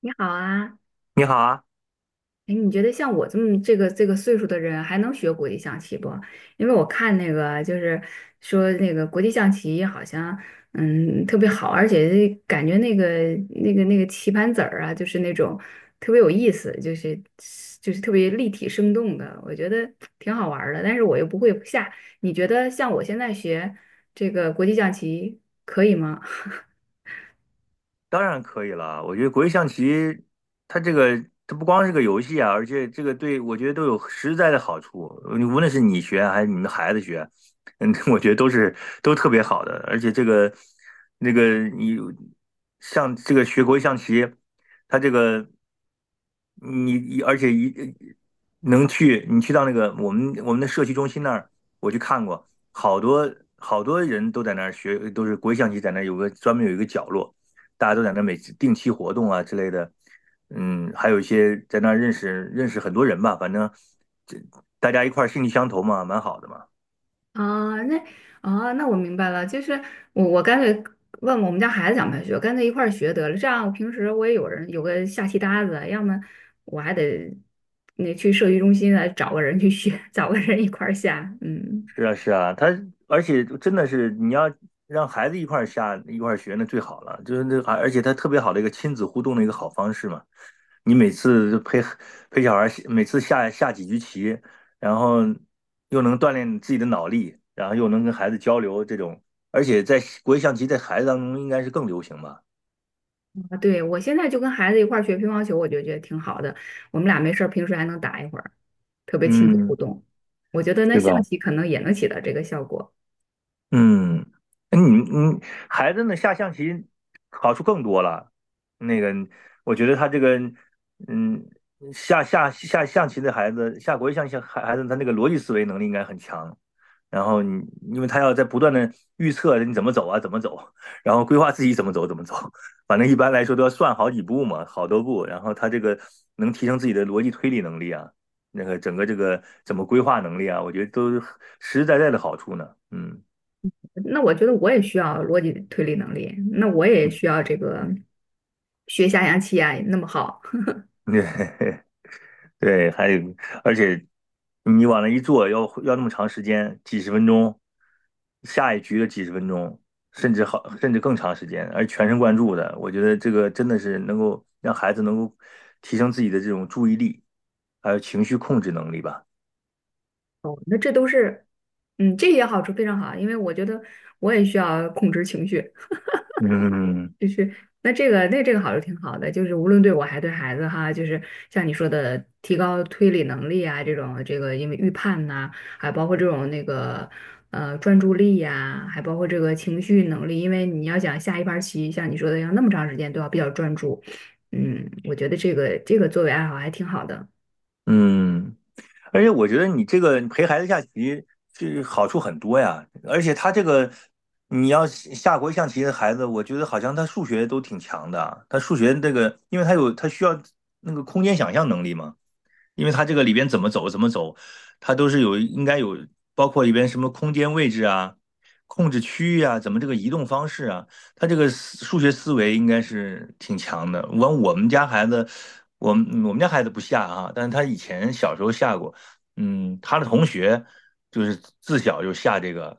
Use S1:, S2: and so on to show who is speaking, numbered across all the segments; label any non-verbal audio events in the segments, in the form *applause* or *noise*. S1: 你好啊，
S2: 你好啊，
S1: 哎，你觉得像我这么这个岁数的人还能学国际象棋不？因为我看那个就是说那个国际象棋好像特别好，而且感觉那个棋盘子儿啊，就是那种特别有意思，就是特别立体生动的，我觉得挺好玩儿的。但是我又不会下，你觉得像我现在学这个国际象棋可以吗？
S2: 当然可以了。我觉得国际象棋，它这个它不光是个游戏啊，而且这个对我觉得都有实在的好处。你无论是你学还是你们孩子学，*laughs* 我觉得都特别好的。而且这个那个你像这个学国际象棋，它这个你而且一能去你去到我们的社区中心那儿，我去看过，好多好多人都在那儿学，都是国际象棋在那儿有一个角落。大家都在那每定期活动啊之类的，还有一些在那认识认识很多人吧，反正这大家一块儿兴趣相投嘛，蛮好的嘛。
S1: 啊，那我明白了，就是我干脆问问我们家孩子想不想学，干脆一块儿学得了。这样我平时我也有人有个下棋搭子，要么我还得那去社区中心来找个人去学，找个人一块儿下。嗯，
S2: 是啊，是啊，而且真的是你要让孩子一块儿下一块儿学，那最好了。就是那而且他特别好的一个亲子互动的一个好方式嘛。你每次就陪陪小孩儿，每次下下几局棋，然后又能锻炼自己的脑力，然后又能跟孩子交流，而且在国际象棋在孩子当中应该是更流行吧。
S1: 啊，对，我现在就跟孩子一块儿学乒乓球，我就觉得挺好的。我们俩没事儿，平时还能打一会儿，特别亲子互
S2: 嗯，
S1: 动。我觉得那
S2: 是
S1: 象
S2: 吧？
S1: 棋可能也能起到这个效果。
S2: 嗯，哎你孩子呢下象棋好处更多了。那个，我觉得他嗯，下象棋的孩子，下国际象棋孩子，他那个逻辑思维能力应该很强。然后因为他要在不断的预测你怎么走啊，怎么走，然后规划自己怎么走，怎么走。反正一般来说都要算好几步嘛，好多步。然后他这个能提升自己的逻辑推理能力啊，那个整个这个怎么规划能力啊，我觉得都是实实在在的好处呢。嗯。
S1: 那我觉得我也需要逻辑推理能力，那我也需要这个学下象棋啊，那么好，
S2: 对 *laughs* 对，还有，而且你往那一坐，要那么长时间，几十分钟，下一局的几十分钟，甚至更长时间，而全神贯注的，我觉得这个真的是能够让孩子能够提升自己的这种注意力，还有情绪控制能力吧。
S1: 哦，那这都是，这也好处非常好，因为我觉得我也需要控制情绪，
S2: 嗯
S1: 就是那这个好是挺好的，就是无论对我还对孩子哈，就是像你说的提高推理能力啊，这种这个因为预判呐、还包括这种那个专注力呀、还包括这个情绪能力，因为你要想下一盘棋，像你说的要那么长时间都要比较专注，我觉得这个作为爱好还挺好的。
S2: 嗯，而且我觉得你这个陪孩子下棋是好处很多呀，而且他这个你要下国际象棋的孩子，我觉得好像他数学都挺强的啊，他数学因为他需要那个空间想象能力嘛，因为它这个里边怎么走怎么走，它都是有应该有包括里边什么空间位置啊、控制区域啊，怎么这个移动方式啊，它这个数学思维应该是挺强的。我们家孩子，我们家孩子不下啊，但是他以前小时候下过，他的同学就是自小就下这个。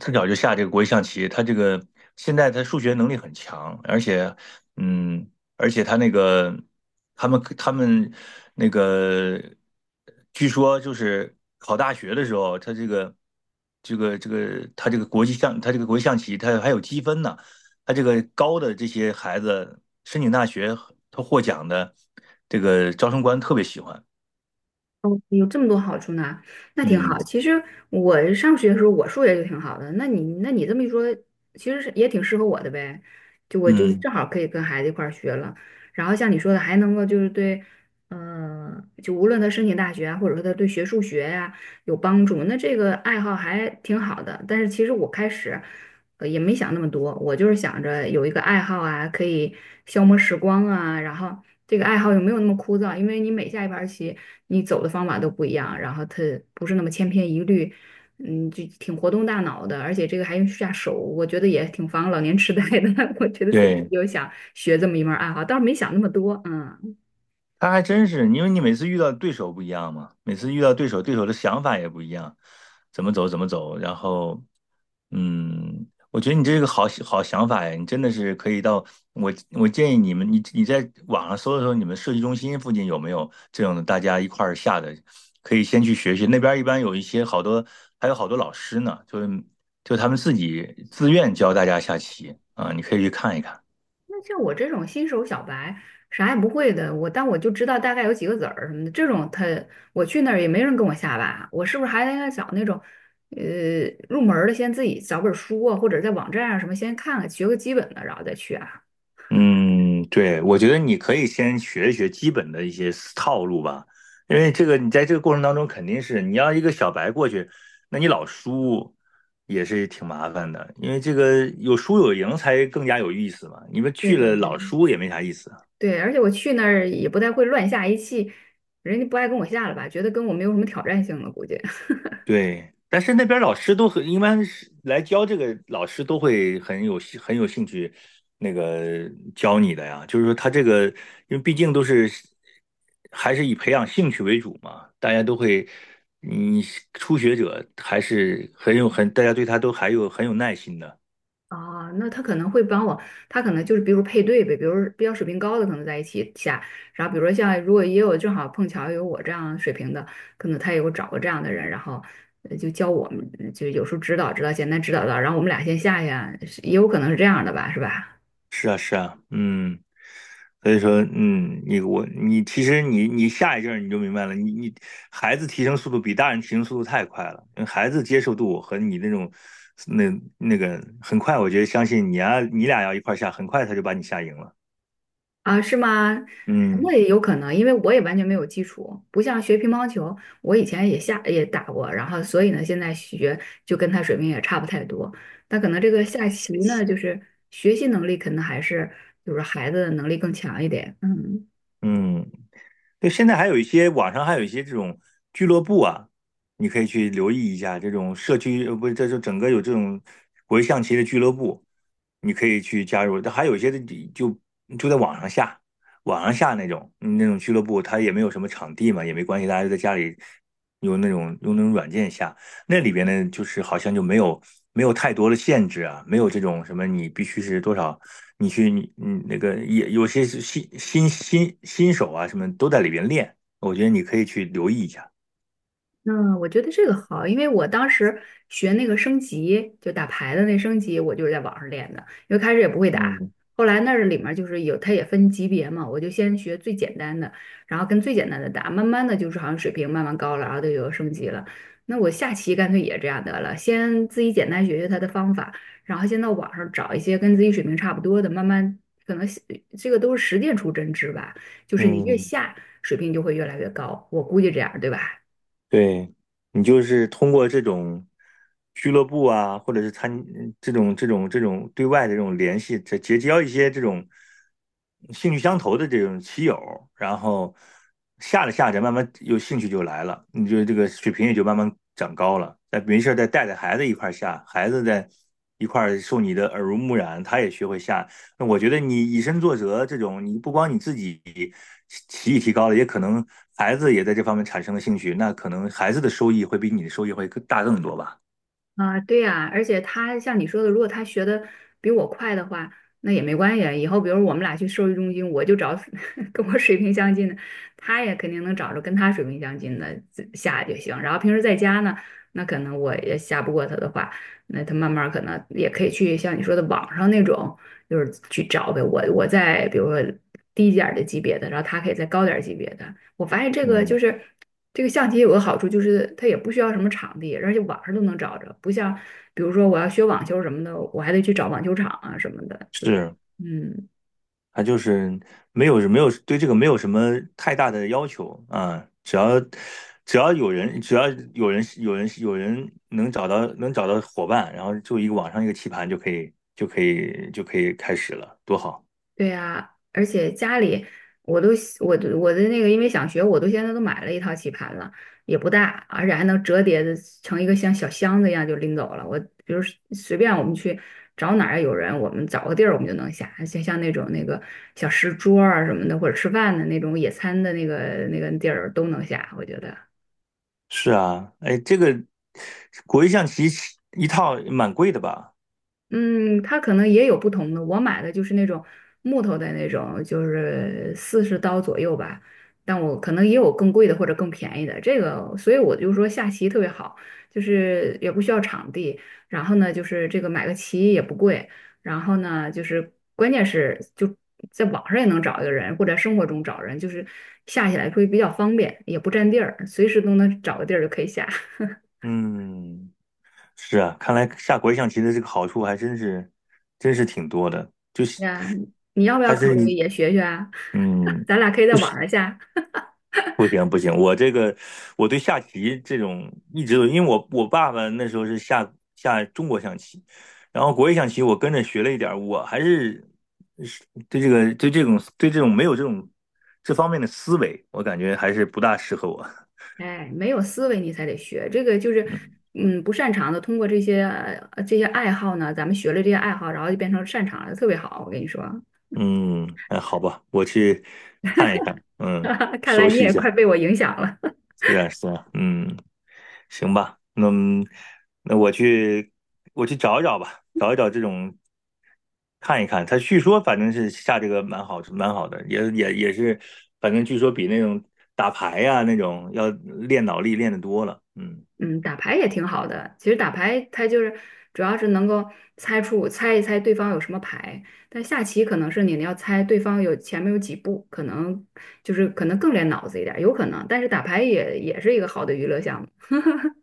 S2: 自小就下这个国际象棋，他这个现在他数学能力很强，嗯，而且他那个他们他们那个，据说就是考大学的时候，他这个这个这个他这个国际象他这个国际象棋，他还有积分呢，他这个高的这些孩子申请大学，他获奖的这个招生官特别喜欢，
S1: 哦，有这么多好处呢，那挺
S2: 嗯
S1: 好。其实我上学的时候，我数学就挺好的。那你这么一说，其实是也挺适合我的呗。就我就
S2: 嗯，
S1: 正好可以跟孩子一块儿学了。然后像你说的，还能够就是对，就无论他申请大学啊，或者说他对学数学呀、有帮助，那这个爱好还挺好的。但是其实我开始，也没想那么多，我就是想着有一个爱好啊，可以消磨时光啊，然后。这个爱好有没有那么枯燥，因为你每下一盘棋，你走的方法都不一样，然后它不是那么千篇一律，就挺活动大脑的，而且这个还用下手，我觉得也挺防老年痴呆的。*laughs* 我觉得所以我
S2: 对。
S1: 就想学这么一门爱好，倒是没想那么多，嗯。
S2: 他还真是，因为你每次遇到对手不一样嘛，每次遇到对手，对手的想法也不一样，怎么走怎么走。然后，我觉得你这是个好好想法呀，你真的是可以到我我建议你们，你在网上搜一搜，你们设计中心附近有没有这种的大家一块儿下的，可以先去学学。那边儿一般有一些好多，还有好多老师呢，就是就他们自己自愿教大家下棋啊，你可以去看一看。
S1: 那像我这种新手小白，啥也不会的，但我就知道大概有几个子儿什么的，这种我去那儿也没人跟我下吧，我是不是还应该找那种，入门儿的先自己找本儿书啊，或者在网站上什么先看看，学个基本的，然后再去啊。
S2: 嗯，对，我觉得你可以先学一学基本的一些套路吧，因为这个你在这个过程当中肯定是你要一个小白过去，那你老输也是挺麻烦的，因为这个有输有赢才更加有意思嘛，你们
S1: 对
S2: 去
S1: 对
S2: 了老
S1: 对，
S2: 输也没啥意思。
S1: 对，而且我去那儿也不太会乱下一气，人家不爱跟我下了吧，觉得跟我没有什么挑战性了，估计。
S2: 对，但是那边老师一般是来教这个老师都会很有兴趣，那个教你的呀。就是说他这个，因为毕竟还是以培养兴趣为主嘛，大家都会，你初学者还是很有很，大家对他都还有很有耐心的。
S1: 啊，那他可能会帮我，他可能就是比如配对呗，比如比较水平高的可能在一起下，然后比如说像如果也有正好碰巧有我这样水平的，可能他也会找个这样的人，然后就教我们，就有时候指导指导，简单指导到，然后我们俩先下下，是也有可能是这样的吧，是吧？
S2: 是啊，是啊，嗯。所以说，你其实你下一阵儿你就明白了，你孩子提升速度比大人提升速度太快了，因为孩子接受度和你那种那那个很快，我觉得相信你啊，你俩要一块儿下，很快他就把你下赢了。
S1: 啊，是吗？那
S2: 嗯
S1: 也有可能，因为我也完全没有基础，不像学乒乓球，我以前也下也打过，然后所以呢，现在学就跟他水平也差不太多。但可能这个下棋呢，就是学习能力可能还是就是孩子的能力更强一点。嗯。
S2: 嗯。对，现在还有一些网上还有一些这种俱乐部啊，你可以去留意一下这种社区，不是，这就整个有这种国际象棋的俱乐部，你可以去加入。但还有一些的就就在网上下，网上下那种俱乐部，它也没有什么场地嘛，也没关系，大家就在家里用那种软件下，那里边呢就是好像就没有太多的限制啊，没有这种什么你必须是多少你去你你那个也有些是新手啊什么都在里边练，我觉得你可以去留意一下。
S1: 嗯，我觉得这个好，因为我当时学那个升级，就打牌的那升级，我就是在网上练的，因为开始也不会打，
S2: 嗯
S1: 后来那儿里面儿就是有，它也分级别嘛，我就先学最简单的，然后跟最简单的打，慢慢的就是好像水平慢慢高了，然后就有升级了。那我下棋干脆也这样得了，先自己简单学学它的方法，然后先到网上找一些跟自己水平差不多的，慢慢可能这个都是实践出真知吧，就是你越
S2: 嗯，
S1: 下水平就会越来越高，我估计这样，对吧？
S2: 对，你就是通过这种俱乐部啊，或者是参这种这种这种对外的这种联系，结交一些这种兴趣相投的这种棋友，然后下着下着，慢慢有兴趣就来了，你就这个水平也就慢慢长高了。再没事儿再带着孩子一块儿下，孩子在一块儿受你的耳濡目染，他也学会下，那我觉得你以身作则这种，你不光你自己棋艺提高了，也可能孩子也在这方面产生了兴趣，那可能孩子的收益会比你的收益会更大更多吧。
S1: 啊，对呀，而且他像你说的，如果他学的比我快的话，那也没关系啊。以后比如我们俩去兽医中心，我就找 *laughs* 跟我水平相近的，他也肯定能找着跟他水平相近的自下就行。然后平时在家呢，那可能我也下不过他的话，那他慢慢儿可能也可以去像你说的网上那种，就是去找呗。我在比如说低一点儿的级别的，然后他可以再高点儿级别的。我发现这个就
S2: 嗯，
S1: 是。这个象棋有个好处就是它也不需要什么场地，而且网上都能找着，不像比如说我要学网球什么的，我还得去找网球场啊什么的，就是
S2: 是，
S1: 嗯，
S2: 他就是没有对这个没有什么太大的要求啊，只要有人能找到伙伴，然后就一个网上一个棋盘就可以开始了，多好。
S1: 对呀，而且家里我都我的那个，因为想学，我都现在都买了一套棋盘了，也不大，而且还能折叠的成一个像小箱子一样就拎走了。我比如随便我们去找哪儿有人，我们找个地儿我们就能下，像那种那个小石桌儿啊什么的，或者吃饭的那种野餐的那个地儿都能下，我觉得。
S2: 是啊，哎，这个国际象棋一套蛮贵的吧？
S1: 嗯，它可能也有不同的。我买的就是那种木头的那种，就是40刀左右吧。但我可能也有更贵的或者更便宜的。这个，所以我就说下棋特别好，就是也不需要场地，然后呢，就是这个买个棋也不贵，然后呢，就是关键是就在网上也能找一个人，或者生活中找人，就是下起来会比较方便，也不占地儿，随时都能找个地儿就可以下。*laughs*
S2: 嗯是啊，看来下国际象棋的这个好处还真是，真是挺多的，就是
S1: 呀，你要不要
S2: 还
S1: 考
S2: 是
S1: 虑
S2: 你，
S1: 也学学啊？
S2: 嗯，
S1: 咱俩可以在网上下。
S2: 不行不行，我对下棋这种一直都，因为我爸爸那时候是下下中国象棋，然后国际象棋我跟着学了一点儿，我还是对这个对这种对这种没有这种这方面的思维，我感觉还是不大适合我。
S1: 哎，没有思维你才得学，这个就是，
S2: 嗯
S1: 不擅长的，通过这些爱好呢，咱们学了这些爱好，然后就变成擅长了，特别好。我跟你说，
S2: 嗯，哎，好吧，我去看一看，
S1: *laughs* 看来
S2: 熟
S1: 你
S2: 悉一
S1: 也快
S2: 下，
S1: 被我影响了。
S2: 是啊是啊，嗯。行吧，那我去找一找吧，找一找这种看一看。他据说反正是下这个蛮好，蛮好的，也是，反正据说比那种打牌呀、那种要练脑力练得多了。嗯
S1: *laughs* 嗯，打牌也挺好的，其实打牌它就是主要是能够猜一猜对方有什么牌，但下棋可能是你要猜对方有前面有几步，可能就是可能更练脑子一点儿有可能。但是打牌也是一个好的娱乐项目。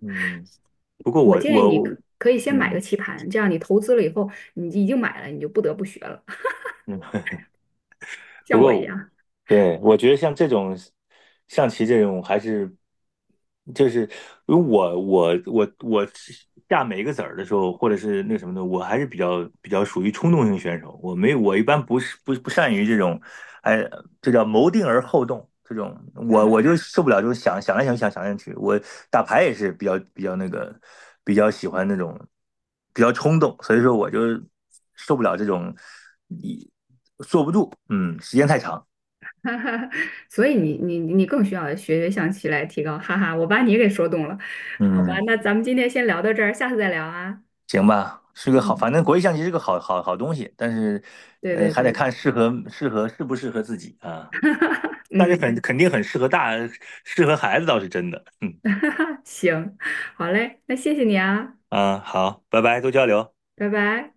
S2: 嗯，不过
S1: 我
S2: 我
S1: 建议
S2: 我
S1: 你可
S2: 我
S1: 可以先买个
S2: 嗯
S1: 棋盘，这样你投资了以后，你已经买了，你就不得不学了，*laughs*
S2: 嗯，不
S1: 像我一
S2: 过。
S1: 样。
S2: 对，我觉得像这种象棋这种，还是就是如果我下每一个子儿的时候，或者是那什么的，我还是比较属于冲动型选手。我一般不是不不善于这种，哎，这叫谋定而后动这种。我
S1: *laughs*
S2: 就受不了这种想想来想去想想来想去。我打牌也是比较喜欢那种比较冲动，所以说我就受不了这种一嗯时间太长。
S1: 哈哈所以你更需要学学象棋来提高。哈哈，我把你给说动了，好吧，
S2: 嗯。
S1: 那咱们今天先聊到这儿，下次再聊啊。
S2: 行吧，是个好，
S1: 嗯，
S2: 反正国际象棋是个好好好东西，但是，
S1: 对对
S2: 还得
S1: 对，
S2: 看适不适合自己啊。但是
S1: 嗯，
S2: 很肯定很适合大，适合孩子倒是真的。嗯
S1: *laughs* 行，好嘞，那谢谢你啊，
S2: 啊，好，拜拜，多交流。
S1: 拜拜。